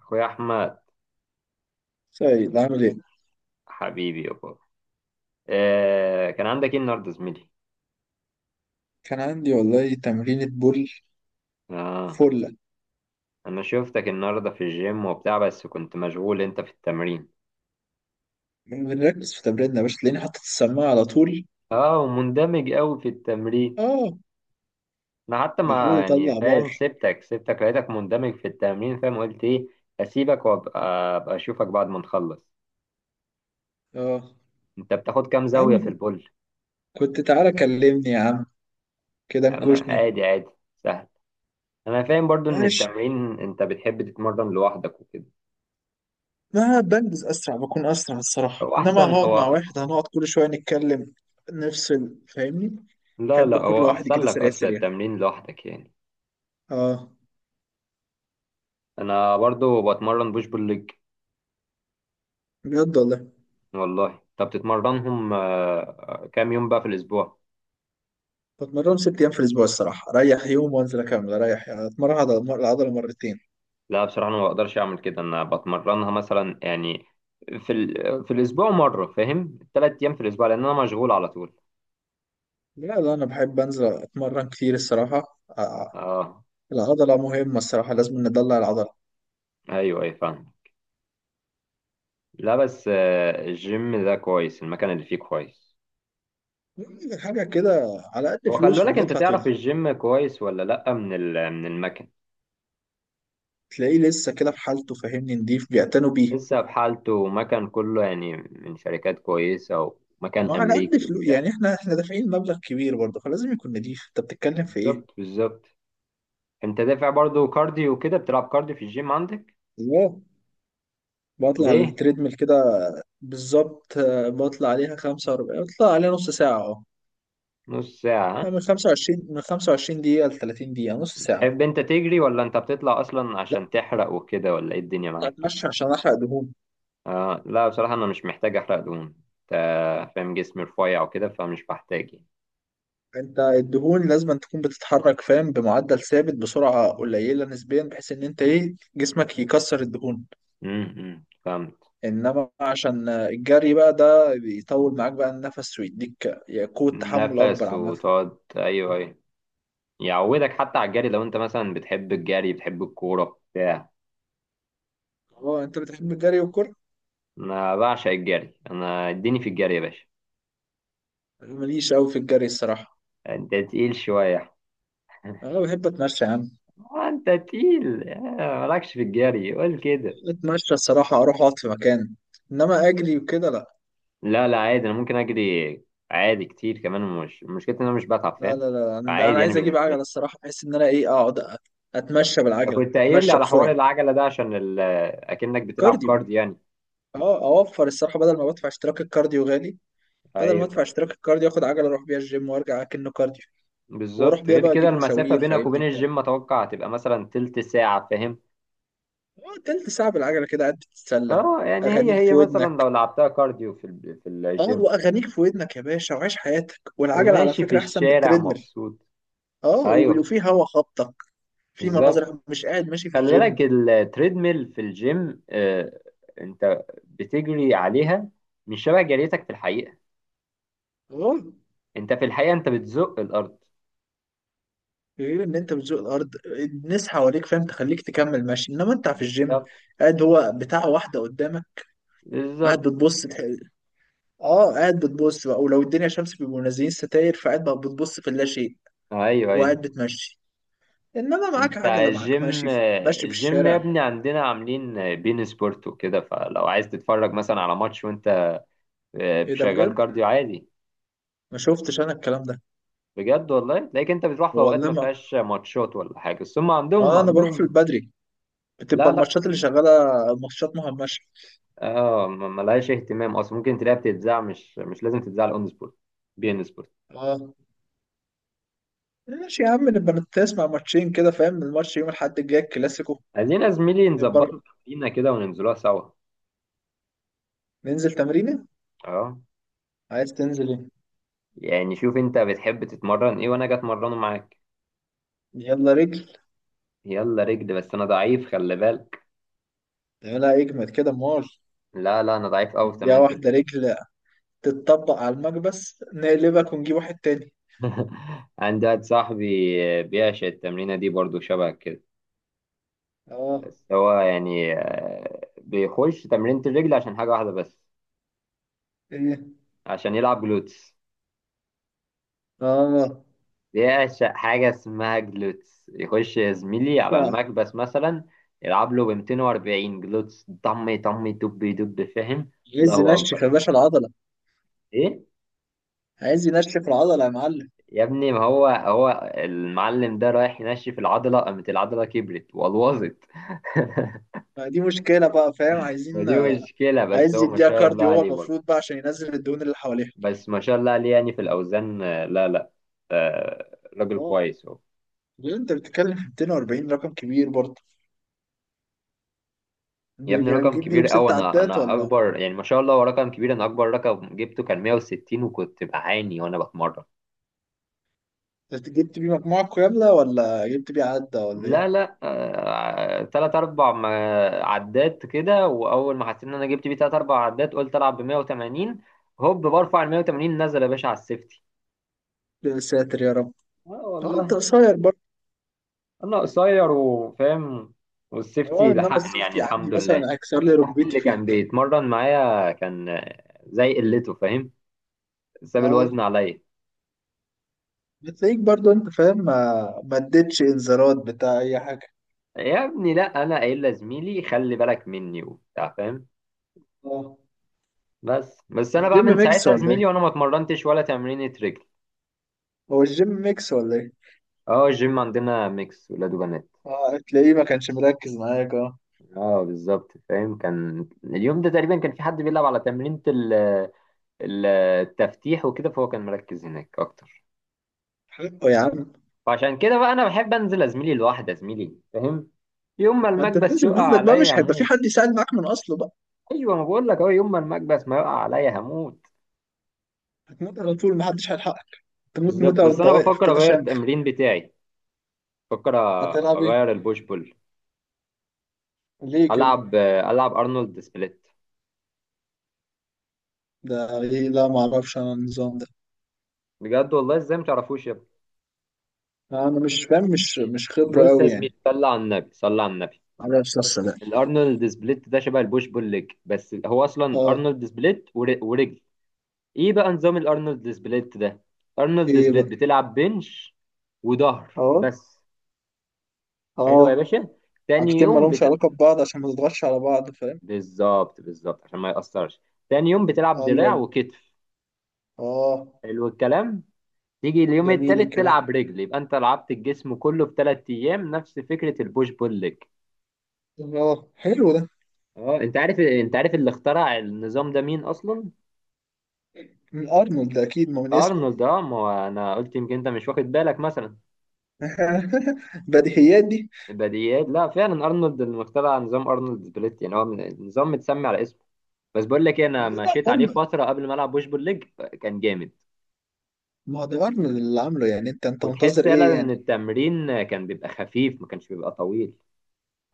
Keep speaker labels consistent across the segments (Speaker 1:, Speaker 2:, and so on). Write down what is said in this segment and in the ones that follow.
Speaker 1: اخويا احمد.
Speaker 2: سيد عامل ايه؟
Speaker 1: حبيبي يابا. كان عندك ايه النهارده زميلي؟
Speaker 2: كان عندي والله تمرينة بول
Speaker 1: اه.
Speaker 2: فلة.
Speaker 1: انا شفتك النهارده في الجيم وبتاع، بس كنت مشغول انت في التمرين.
Speaker 2: بنركز في تمريننا يا باشا، تلاقيني حاطط السماعة على طول.
Speaker 1: اه. ومندمج قوي في التمرين.
Speaker 2: اه،
Speaker 1: انا حتى
Speaker 2: بحاول
Speaker 1: ما يعني
Speaker 2: اطلع باور.
Speaker 1: فاهم، سبتك لقيتك مندمج في التمرين فاهم قلت ايه. اسيبك وابقى. ابقى اشوفك بعد ما نخلص.
Speaker 2: اه
Speaker 1: انت بتاخد كام
Speaker 2: يا
Speaker 1: زاوية
Speaker 2: عم،
Speaker 1: في البول؟
Speaker 2: كنت تعالى كلمني يا عم، كده
Speaker 1: يا عم
Speaker 2: نكوشني.
Speaker 1: عادي عادي، سهل. انا فاهم برضو ان
Speaker 2: ماشي.
Speaker 1: التمرين انت بتحب تتمرن لوحدك وكده.
Speaker 2: ما بنجز اسرع، بكون اسرع الصراحة،
Speaker 1: هو
Speaker 2: انما
Speaker 1: احسن
Speaker 2: هقعد مع
Speaker 1: هو.
Speaker 2: واحد هنقعد كل شوية نتكلم، نفصل فاهمني؟
Speaker 1: لا،
Speaker 2: احب
Speaker 1: لا،
Speaker 2: اكون
Speaker 1: هو
Speaker 2: لوحدي
Speaker 1: احسن
Speaker 2: كده
Speaker 1: لك
Speaker 2: سريع
Speaker 1: اصلا
Speaker 2: سريع.
Speaker 1: التمرين لوحدك يعني.
Speaker 2: اه،
Speaker 1: انا برضو بتمرن بوش بول ليج.
Speaker 2: بجد والله.
Speaker 1: والله طب بتتمرنهم كام يوم بقى في الاسبوع؟
Speaker 2: بتمرن ست ايام في الاسبوع الصراحة، اريح يوم وانزل اكمل، اريح يعني اتمرن على العضلة مرتين.
Speaker 1: لا بصراحه انا ما بقدرش اعمل كده، انا بتمرنها مثلا يعني في الاسبوع مره فاهم، 3 ايام في الاسبوع لان انا مشغول على طول.
Speaker 2: لا لا، أنا بحب أنزل أتمرن كتير الصراحة
Speaker 1: اه.
Speaker 2: العضلة مهمة الصراحة، لازم ندلع العضلة.
Speaker 1: ايوه اي فاهم. لا بس، الجيم ده كويس المكان اللي فيه كويس.
Speaker 2: حاجة كده على قد
Speaker 1: هو خلي
Speaker 2: فلوس
Speaker 1: بالك، انت
Speaker 2: وبندفع
Speaker 1: تعرف الجيم كويس ولا لا من المكان؟
Speaker 2: تلاقيه لسه كده في حالته فاهمني، نضيف بيعتنوا بيه.
Speaker 1: لسه بحالته ومكان كله يعني من شركات كويسة.
Speaker 2: ما
Speaker 1: ومكان
Speaker 2: على قد
Speaker 1: أمريكي
Speaker 2: فلوس
Speaker 1: وبتاع.
Speaker 2: يعني، احنا دافعين مبلغ كبير برضه، فلازم يكون نضيف، انت بتتكلم في ايه؟
Speaker 1: بالظبط، بالظبط. أنت دافع برضه كارديو وكده، بتلعب كارديو في الجيم عندك؟
Speaker 2: لا، بطلع على
Speaker 1: ليه؟
Speaker 2: التريدميل كده. بالظبط بطلع عليها 45، بطلع عليها نص ساعة. اه
Speaker 1: نص ساعة، ها؟
Speaker 2: من 25، من 25 دقيقة ل 30 دقيقة، نص ساعة.
Speaker 1: بتحب أنت تجري ولا أنت بتطلع أصلا
Speaker 2: لا،
Speaker 1: عشان تحرق وكده، ولا إيه الدنيا
Speaker 2: بطلع
Speaker 1: معاك؟
Speaker 2: اتمشى عشان احرق دهون.
Speaker 1: لا، بصراحة أنا مش محتاج أحرق دهون. أنت. فاهم، جسمي رفيع وكده فمش بحتاج يعني.
Speaker 2: انت الدهون لازم تكون بتتحرك فاهم، بمعدل ثابت بسرعه قليله نسبيا، بحيث ان انت ايه جسمك يكسر الدهون.
Speaker 1: فهمت.
Speaker 2: انما عشان الجري بقى ده بيطول معاك بقى النفس، ويديك قوه تحمل اكبر
Speaker 1: نفس
Speaker 2: عامه.
Speaker 1: وتقعد، أيوه، أيوه. يعودك حتى على الجري لو أنت مثلا بتحب الجري، بتحب الكورة بتاع.
Speaker 2: اه انت بتحب الجري والكره.
Speaker 1: انا بعشق الجري، انا اديني في الجري يا باشا.
Speaker 2: أنا ماليش قوي في الجري الصراحه.
Speaker 1: انت تقيل شويه يا أحمد.
Speaker 2: انا بحب اتمشى يا عم.
Speaker 1: انت تقيل. مالكش في الجري قول كده.
Speaker 2: اتمشى الصراحه، اروح اقعد في مكان، انما اجري وكده لا
Speaker 1: لا، لا، عادي انا ممكن اجري. عادي كتير كمان، مش مشكلتي ان انا مش بتعب
Speaker 2: لا.
Speaker 1: فاهم.
Speaker 2: لا لا، انا
Speaker 1: عادي يعني
Speaker 2: عايز اجيب
Speaker 1: بالنسبه
Speaker 2: عجله
Speaker 1: لي.
Speaker 2: الصراحه، بحيث ان انا ايه اقعد اتمشى بالعجله،
Speaker 1: كنت قايل لي
Speaker 2: اتمشى
Speaker 1: على حوار
Speaker 2: بسرعه.
Speaker 1: العجله ده عشان اكنك بتلعب
Speaker 2: كارديو.
Speaker 1: كارد يعني.
Speaker 2: اه، اوفر الصراحه، بدل ما بدفع اشتراك الكارديو غالي، بدل ما ادفع
Speaker 1: ايوه.
Speaker 2: اشتراك الكارديو اخد عجله، اروح بيها الجيم وارجع اكنه كارديو، واروح
Speaker 1: بالظبط.
Speaker 2: بيها
Speaker 1: غير
Speaker 2: بقى
Speaker 1: كده
Speaker 2: اجيب
Speaker 1: المسافه
Speaker 2: مشاوير
Speaker 1: بينك
Speaker 2: فاهمني
Speaker 1: وبين
Speaker 2: بتاع.
Speaker 1: الجيم اتوقع هتبقى مثلا تلت ساعه فاهم.
Speaker 2: اه، تلت ساعه بالعجله كده قاعد تتسلى،
Speaker 1: اه، يعني هي
Speaker 2: اغانيك
Speaker 1: هي
Speaker 2: في
Speaker 1: مثلا
Speaker 2: ودنك.
Speaker 1: لو لعبتها كارديو في
Speaker 2: اه،
Speaker 1: الجيم.
Speaker 2: واغانيك في ودنك يا باشا، وعيش حياتك. والعجله على
Speaker 1: وماشي في
Speaker 2: فكره احسن من
Speaker 1: الشارع
Speaker 2: التريدميل.
Speaker 1: مبسوط.
Speaker 2: اه
Speaker 1: ايوه.
Speaker 2: وفي هوا خبطك، في
Speaker 1: بالظبط.
Speaker 2: مناظر، مش قاعد ماشي في
Speaker 1: خلي
Speaker 2: الجيم.
Speaker 1: بالك التريدميل في الجيم، انت بتجري عليها مش شبه جريتك في الحقيقة.
Speaker 2: اه،
Speaker 1: انت في الحقيقة انت بتزق الارض.
Speaker 2: غير ان انت بتزوق الارض، الناس حواليك فاهم تخليك تكمل ماشي، انما انت في الجيم
Speaker 1: بالظبط،
Speaker 2: قاعد هو بتاع واحده قدامك، قاعد
Speaker 1: بالظبط.
Speaker 2: بتبص. اه، قاعد بتبص بقى، ولو الدنيا شمس بيبقوا منزلين ستاير فقاعد بقى بتبص في اللاشيء
Speaker 1: ايوه، ايوه.
Speaker 2: وقاعد بتمشي. انما معاك
Speaker 1: انت
Speaker 2: عجله، معاك ماشي في
Speaker 1: الجيم يا
Speaker 2: الشارع.
Speaker 1: ابني عندنا عاملين بين سبورت وكده، فلو عايز تتفرج مثلا على ماتش وانت
Speaker 2: ايه ده
Speaker 1: شغال
Speaker 2: بجد؟
Speaker 1: كارديو عادي.
Speaker 2: ما شفتش انا الكلام ده.
Speaker 1: بجد والله تلاقيك انت بتروح في اوقات
Speaker 2: والله
Speaker 1: ما
Speaker 2: ما.
Speaker 1: فيهاش ماتشات ولا حاجة، بس هم عندهم
Speaker 2: اه، انا بروح في
Speaker 1: عندهم
Speaker 2: البدري، بتبقى
Speaker 1: لا، لا.
Speaker 2: الماتشات اللي شغاله ماتشات مهمشه.
Speaker 1: اه، ملهاش اهتمام اصلا، ممكن تلاقيها بتتذاع مش لازم تتذاع على اون سبورت. بي ان سبورت.
Speaker 2: اه ماشي يا عم، نبقى نسمع ماتشين كده فاهم، الماتش يوم الاحد الجاي الكلاسيكو.
Speaker 1: عايزين يا زميلي
Speaker 2: نبقى
Speaker 1: نظبطوا تمرينه كده وننزلوها سوا.
Speaker 2: ننزل تمرينه.
Speaker 1: اه،
Speaker 2: عايز تنزل ايه؟
Speaker 1: يعني شوف انت بتحب تتمرن ايه وانا اجي اتمرنه معاك.
Speaker 2: يلا رجل.
Speaker 1: يلا رجل، بس انا ضعيف خلي بالك.
Speaker 2: لا، اجمد كده مول.
Speaker 1: لا، لا، انا ضعيف قوي في
Speaker 2: نديها
Speaker 1: تمرينة
Speaker 2: واحده
Speaker 1: الرجل.
Speaker 2: رجل، تتطبق على المكبس نقلبك ونجيب واحد تاني.
Speaker 1: عندي واحد صاحبي بيعشق التمرينة دي برضو شبه كده.
Speaker 2: اه.
Speaker 1: بس هو يعني بيخش تمرينة الرجل عشان حاجة واحدة بس.
Speaker 2: ايه.
Speaker 1: عشان يلعب جلوتس.
Speaker 2: اه.
Speaker 1: بيعشق حاجة اسمها جلوتس، يخش يا زميلي على
Speaker 2: باشا.
Speaker 1: المكبس مثلا يلعب له ب 240 جلوتس، طم طم دب دب فاهم.
Speaker 2: عايز
Speaker 1: الله أكبر.
Speaker 2: ينشف يا باشا العضلة.
Speaker 1: إيه؟
Speaker 2: عايز ينشف العضلة يا معلم.
Speaker 1: يا ابني ما هو المعلم ده رايح ينشف العضلة، قامت العضلة كبرت والوظت.
Speaker 2: ما دي مشكلة بقى فاهم،
Speaker 1: ما
Speaker 2: عايزين.
Speaker 1: دي مشكلة، بس
Speaker 2: عايز
Speaker 1: هو ما
Speaker 2: يديها
Speaker 1: شاء الله
Speaker 2: كارديو هو
Speaker 1: عليه برضه.
Speaker 2: المفروض بقى عشان ينزل الدهون اللي حواليها.
Speaker 1: بس ما شاء الله عليه يعني في الأوزان، لا، لا. راجل
Speaker 2: اه،
Speaker 1: كويس هو.
Speaker 2: ليه انت بتتكلم في 240، رقم كبير برضه؟
Speaker 1: يا ابني
Speaker 2: يعني
Speaker 1: رقم
Speaker 2: جبت
Speaker 1: كبير
Speaker 2: بيهم
Speaker 1: قوي،
Speaker 2: ست
Speaker 1: انا
Speaker 2: عدات،
Speaker 1: انا
Speaker 2: ولا
Speaker 1: اكبر يعني ما شاء الله، هو رقم كبير، انا اكبر رقم جبته كان 160 وكنت بعاني وانا بتمرن.
Speaker 2: جبت بيه مجموعة كاملة، ولا جبت بيه عدة ولا ايه؟
Speaker 1: لا، لا، تلات اربع عدات كده، واول ما حسيت ان انا جبت بيه تلات اربع عدات، قلت العب ب 180. هوب برفع ال 180 نزل يا باشا على السيفتي.
Speaker 2: يا ساتر يا رب.
Speaker 1: اه
Speaker 2: اه
Speaker 1: والله.
Speaker 2: انت قصير برضه.
Speaker 1: انا قصير وفاهم. والسيفتي
Speaker 2: اه، انما
Speaker 1: لحقني يعني
Speaker 2: السيفتي عندي
Speaker 1: الحمد لله.
Speaker 2: مثلا هكسر لي
Speaker 1: صاحبي
Speaker 2: ركبتي
Speaker 1: اللي
Speaker 2: فيها.
Speaker 1: كان بيتمرن معايا كان زي قلته فاهم، ساب الوزن
Speaker 2: اه،
Speaker 1: عليا.
Speaker 2: بتلاقيك برضو انت فاهم، ما اديتش انذارات بتاع اي حاجه.
Speaker 1: يا ابني لا، انا قايل لزميلي خلي بالك مني وبتاع فاهم.
Speaker 2: اه
Speaker 1: بس انا بقى
Speaker 2: الجيم
Speaker 1: من
Speaker 2: ميكس
Speaker 1: ساعتها
Speaker 2: ولا ايه؟
Speaker 1: زميلي وانا ما اتمرنتش ولا تمرينة رجل.
Speaker 2: هو الجيم ميكس ولا ايه؟
Speaker 1: اه، الجيم عندنا ميكس ولاد وبنات.
Speaker 2: اه، تلاقيه ما كانش مركز معاك اه.
Speaker 1: اه، بالظبط فاهم، كان اليوم ده تقريبا كان في حد بيلعب على تمرينة التفتيح وكده، فهو كان مركز هناك اكتر.
Speaker 2: حقه يا عم.
Speaker 1: فعشان كده بقى، انا بحب انزل ازميلي لوحدي، ازميلي فاهم. يوم ما
Speaker 2: ما انت
Speaker 1: المكبس
Speaker 2: بتنزل
Speaker 1: يقع
Speaker 2: لوحدك بقى،
Speaker 1: عليا
Speaker 2: مش هيبقى في
Speaker 1: هموت.
Speaker 2: حد يساعد معاك من اصله بقى.
Speaker 1: ايوه، ما بقول لك اهو، يوم ما المكبس ما يقع عليا هموت.
Speaker 2: هتموت على طول، ما حدش هيلحقك. تموت
Speaker 1: بالظبط.
Speaker 2: موتة
Speaker 1: بس
Speaker 2: وانت
Speaker 1: انا
Speaker 2: واقف
Speaker 1: بفكر
Speaker 2: كده
Speaker 1: اغير
Speaker 2: شامخ.
Speaker 1: التمرين بتاعي. بفكر.
Speaker 2: هتلعب ايه؟
Speaker 1: اغير البوش بول.
Speaker 2: ليه كده؟
Speaker 1: العب ارنولد سبليت.
Speaker 2: ده ايه؟ لا ما اعرفش انا النظام ده.
Speaker 1: بجد والله، ازاي ما تعرفوش يا ابني؟
Speaker 2: لا انا مش فاهم، مش خبره
Speaker 1: بص يا
Speaker 2: قوي
Speaker 1: زميلي،
Speaker 2: يعني.
Speaker 1: صلى على النبي، صلى على النبي.
Speaker 2: معرفش الصراحه.
Speaker 1: الارنولد سبليت ده شبه البوش بول ليج، بس هو اصلا
Speaker 2: اه.
Speaker 1: ارنولد سبليت ورجل. ايه بقى نظام الارنولد سبليت ده؟ ارنولد
Speaker 2: ايه
Speaker 1: سبليت
Speaker 2: بقى؟
Speaker 1: بتلعب بنش وظهر
Speaker 2: اه.
Speaker 1: بس. حلو يا
Speaker 2: اه.
Speaker 1: باشا. تاني
Speaker 2: حاجتين ما
Speaker 1: يوم
Speaker 2: لهمش
Speaker 1: بت...
Speaker 2: علاقة ببعض عشان ما تضغطش على بعض فاهم.
Speaker 1: بالظبط، بالظبط، عشان ما يأثرش. تاني يوم بتلعب دراع
Speaker 2: ايوه.
Speaker 1: وكتف.
Speaker 2: اه.
Speaker 1: حلو الكلام. تيجي اليوم
Speaker 2: جميل
Speaker 1: التالت
Speaker 2: الكلام.
Speaker 1: تلعب رجل، يبقى انت لعبت الجسم كله في 3 ايام، نفس فكره البوش بول ليج.
Speaker 2: اه، حلو ده.
Speaker 1: اه، انت عارف اللي اخترع النظام ده مين اصلا؟
Speaker 2: من ارنولد ده اكيد، ما من اسمه.
Speaker 1: ارنولد. اه، ما هو انا قلت يمكن انت مش واخد بالك مثلا.
Speaker 2: بديهيات دي.
Speaker 1: البديهيات، لا فعلا، ارنولد اللي اخترع نظام ارنولد سبليت يعني هو النظام متسمي على اسمه. بس، بقول لك ايه، انا
Speaker 2: لا
Speaker 1: مشيت عليه
Speaker 2: ارنولد.
Speaker 1: فتره قبل ما العب بوش بول ليج. كان جامد.
Speaker 2: ما هو ده ارنولد اللي عامله يعني، انت
Speaker 1: وتحس
Speaker 2: منتظر
Speaker 1: فعلا
Speaker 2: ايه يعني.
Speaker 1: ان التمرين كان بيبقى خفيف، ما كانش بيبقى طويل.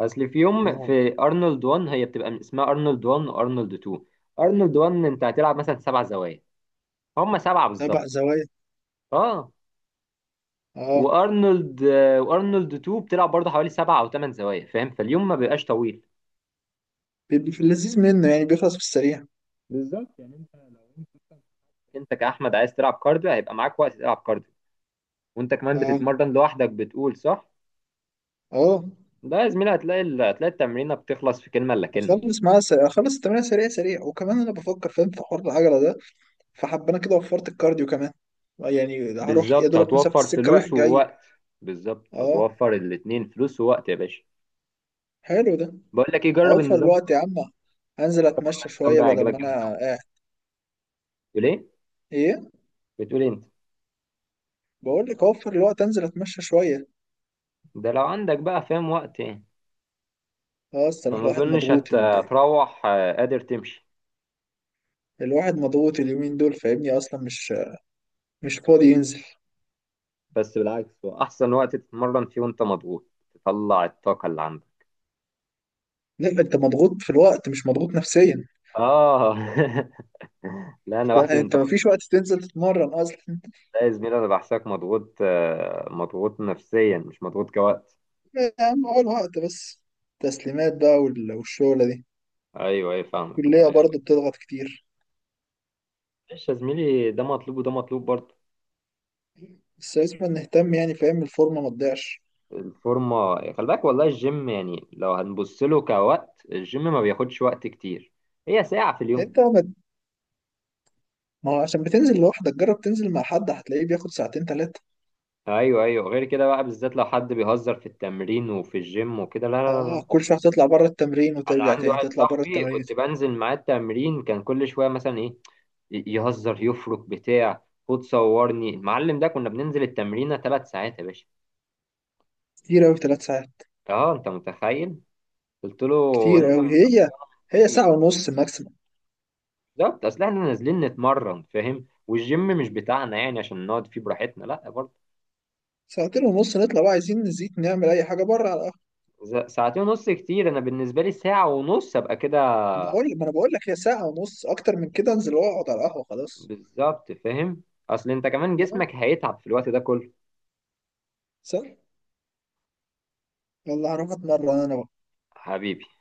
Speaker 1: اصل في
Speaker 2: ما
Speaker 1: يوم
Speaker 2: هو.
Speaker 1: في ارنولد 1، هي بتبقى من اسمها ارنولد 1 وارنولد 2. ارنولد 1 انت هتلعب مثلا سبع زوايا. هم سبعه بالظبط.
Speaker 2: تبع زوايا.
Speaker 1: اه،
Speaker 2: اه.
Speaker 1: وارنولد 2 بتلعب برضه حوالي سبعه او ثمان زوايا فاهم، فاليوم ما بيبقاش طويل.
Speaker 2: بيبقى في اللذيذ منه يعني، بيخلص في السريع.
Speaker 1: بالظبط، يعني انت لو انت. انت كاحمد عايز تلعب كارديو، هيبقى معاك وقت تلعب كارديو. وانت كمان
Speaker 2: اه.
Speaker 1: بتتمرن لوحدك بتقول صح.
Speaker 2: اه.
Speaker 1: لا يا زميلي، هتلاقي التمرينه بتخلص في كلمه الا كلمه.
Speaker 2: اخلص معاه سريع، اخلص التمرين سريع سريع، وكمان انا بفكر فاهم في حوار العجله ده، فحب انا كده وفرت الكارديو كمان. يعني هروح يا
Speaker 1: بالظبط،
Speaker 2: دوبك مسافه
Speaker 1: هتوفر
Speaker 2: السكه رايح
Speaker 1: فلوس
Speaker 2: جاي.
Speaker 1: ووقت. بالظبط،
Speaker 2: اه،
Speaker 1: هتوفر الاتنين فلوس ووقت يا باشا.
Speaker 2: حلو ده.
Speaker 1: بقول لك ايه، جرب
Speaker 2: اوفر
Speaker 1: النظام
Speaker 2: الوقت
Speaker 1: ده.
Speaker 2: يا عم، انزل
Speaker 1: جرب والله،
Speaker 2: اتمشى
Speaker 1: النظام
Speaker 2: شويه
Speaker 1: ده
Speaker 2: بدل ما
Speaker 1: هيعجبك
Speaker 2: انا
Speaker 1: جامد قوي.
Speaker 2: قاعد.
Speaker 1: بتقول ايه؟
Speaker 2: ايه.
Speaker 1: بتقول إيه انت؟
Speaker 2: بقول لك اوفر الوقت، انزل اتمشى شويه.
Speaker 1: ده لو عندك بقى فاهم وقت يعني.
Speaker 2: اه، اصل
Speaker 1: ما
Speaker 2: الواحد
Speaker 1: اظنش
Speaker 2: مضغوط
Speaker 1: هتروح قادر تمشي.
Speaker 2: الواحد مضغوط اليومين دول فاهمني، اصلا مش فاضي ينزل.
Speaker 1: بس بالعكس، هو احسن وقت تتمرن فيه وانت مضغوط. تطلع الطاقه اللي عندك.
Speaker 2: لا انت مضغوط في الوقت، مش مضغوط نفسيا.
Speaker 1: اه. لا، انا
Speaker 2: انت
Speaker 1: بحسب انت.
Speaker 2: انت مفيش وقت تنزل تتمرن اصلا.
Speaker 1: لا يا زميلي، انا بحسك مضغوط، مضغوط نفسيا مش مضغوط كوقت.
Speaker 2: لا يا عم، هو الوقت بس. تسليمات بقى والشغله دي.
Speaker 1: ايوه، ايوه، فاهمك،
Speaker 2: الكليه
Speaker 1: لا،
Speaker 2: برضه بتضغط كتير.
Speaker 1: معلش يا زميلي، ده مطلوب وده مطلوب برضه.
Speaker 2: بس لازم نهتم يعني فاهم، الفورمه ما تضيعش.
Speaker 1: الفورمة خلي بالك، والله الجيم يعني لو هنبص له كوقت، الجيم ما بياخدش وقت كتير. هي ساعة في اليوم.
Speaker 2: انت. ما هو عشان بتنزل لوحدك، جرب تنزل مع حد هتلاقيه بياخد ساعتين تلاتة.
Speaker 1: ايوه، ايوه، غير كده بقى، بالذات لو حد بيهزر في التمرين وفي الجيم وكده، لا لا لا
Speaker 2: اه،
Speaker 1: لا.
Speaker 2: كل شوية تطلع بره التمرين
Speaker 1: انا
Speaker 2: وترجع
Speaker 1: عندي
Speaker 2: تاني
Speaker 1: واحد
Speaker 2: تطلع بره
Speaker 1: صاحبي
Speaker 2: التمرين
Speaker 1: كنت بنزل معاه التمرين كان كل شويه مثلا ايه يهزر يفرك بتاع. خد صورني المعلم ده، كنا بننزل التمرينه 3 ساعات يا باشا.
Speaker 2: كتير أوي تلات ساعات.
Speaker 1: اه، انت متخيل؟ قلت له
Speaker 2: كتير
Speaker 1: انت من
Speaker 2: أوي
Speaker 1: طريق
Speaker 2: هي.
Speaker 1: وانا من
Speaker 2: هي
Speaker 1: طريق.
Speaker 2: ساعة ونص ماكسيموم.
Speaker 1: بالظبط، اصل احنا نازلين نتمرن فاهم، والجيم مش بتاعنا يعني عشان نقعد فيه براحتنا، لا برضه.
Speaker 2: ساعتين ونص نطلع بقى، عايزين نزيد نعمل أي حاجة بره على القهوة.
Speaker 1: ساعتين ونص كتير، انا بالنسبه لي ساعه ونص ابقى كده.
Speaker 2: بقول ما أنا بقول لك، هي ساعة ونص، أكتر من كده أنزل وأقعد على القهوة خلاص.
Speaker 1: بالظبط فاهم. اصل انت كمان
Speaker 2: لا.
Speaker 1: جسمك هيتعب في الوقت ده كله.
Speaker 2: صح. والله هروح أتمرن أنا بقى.
Speaker 1: حبيبي.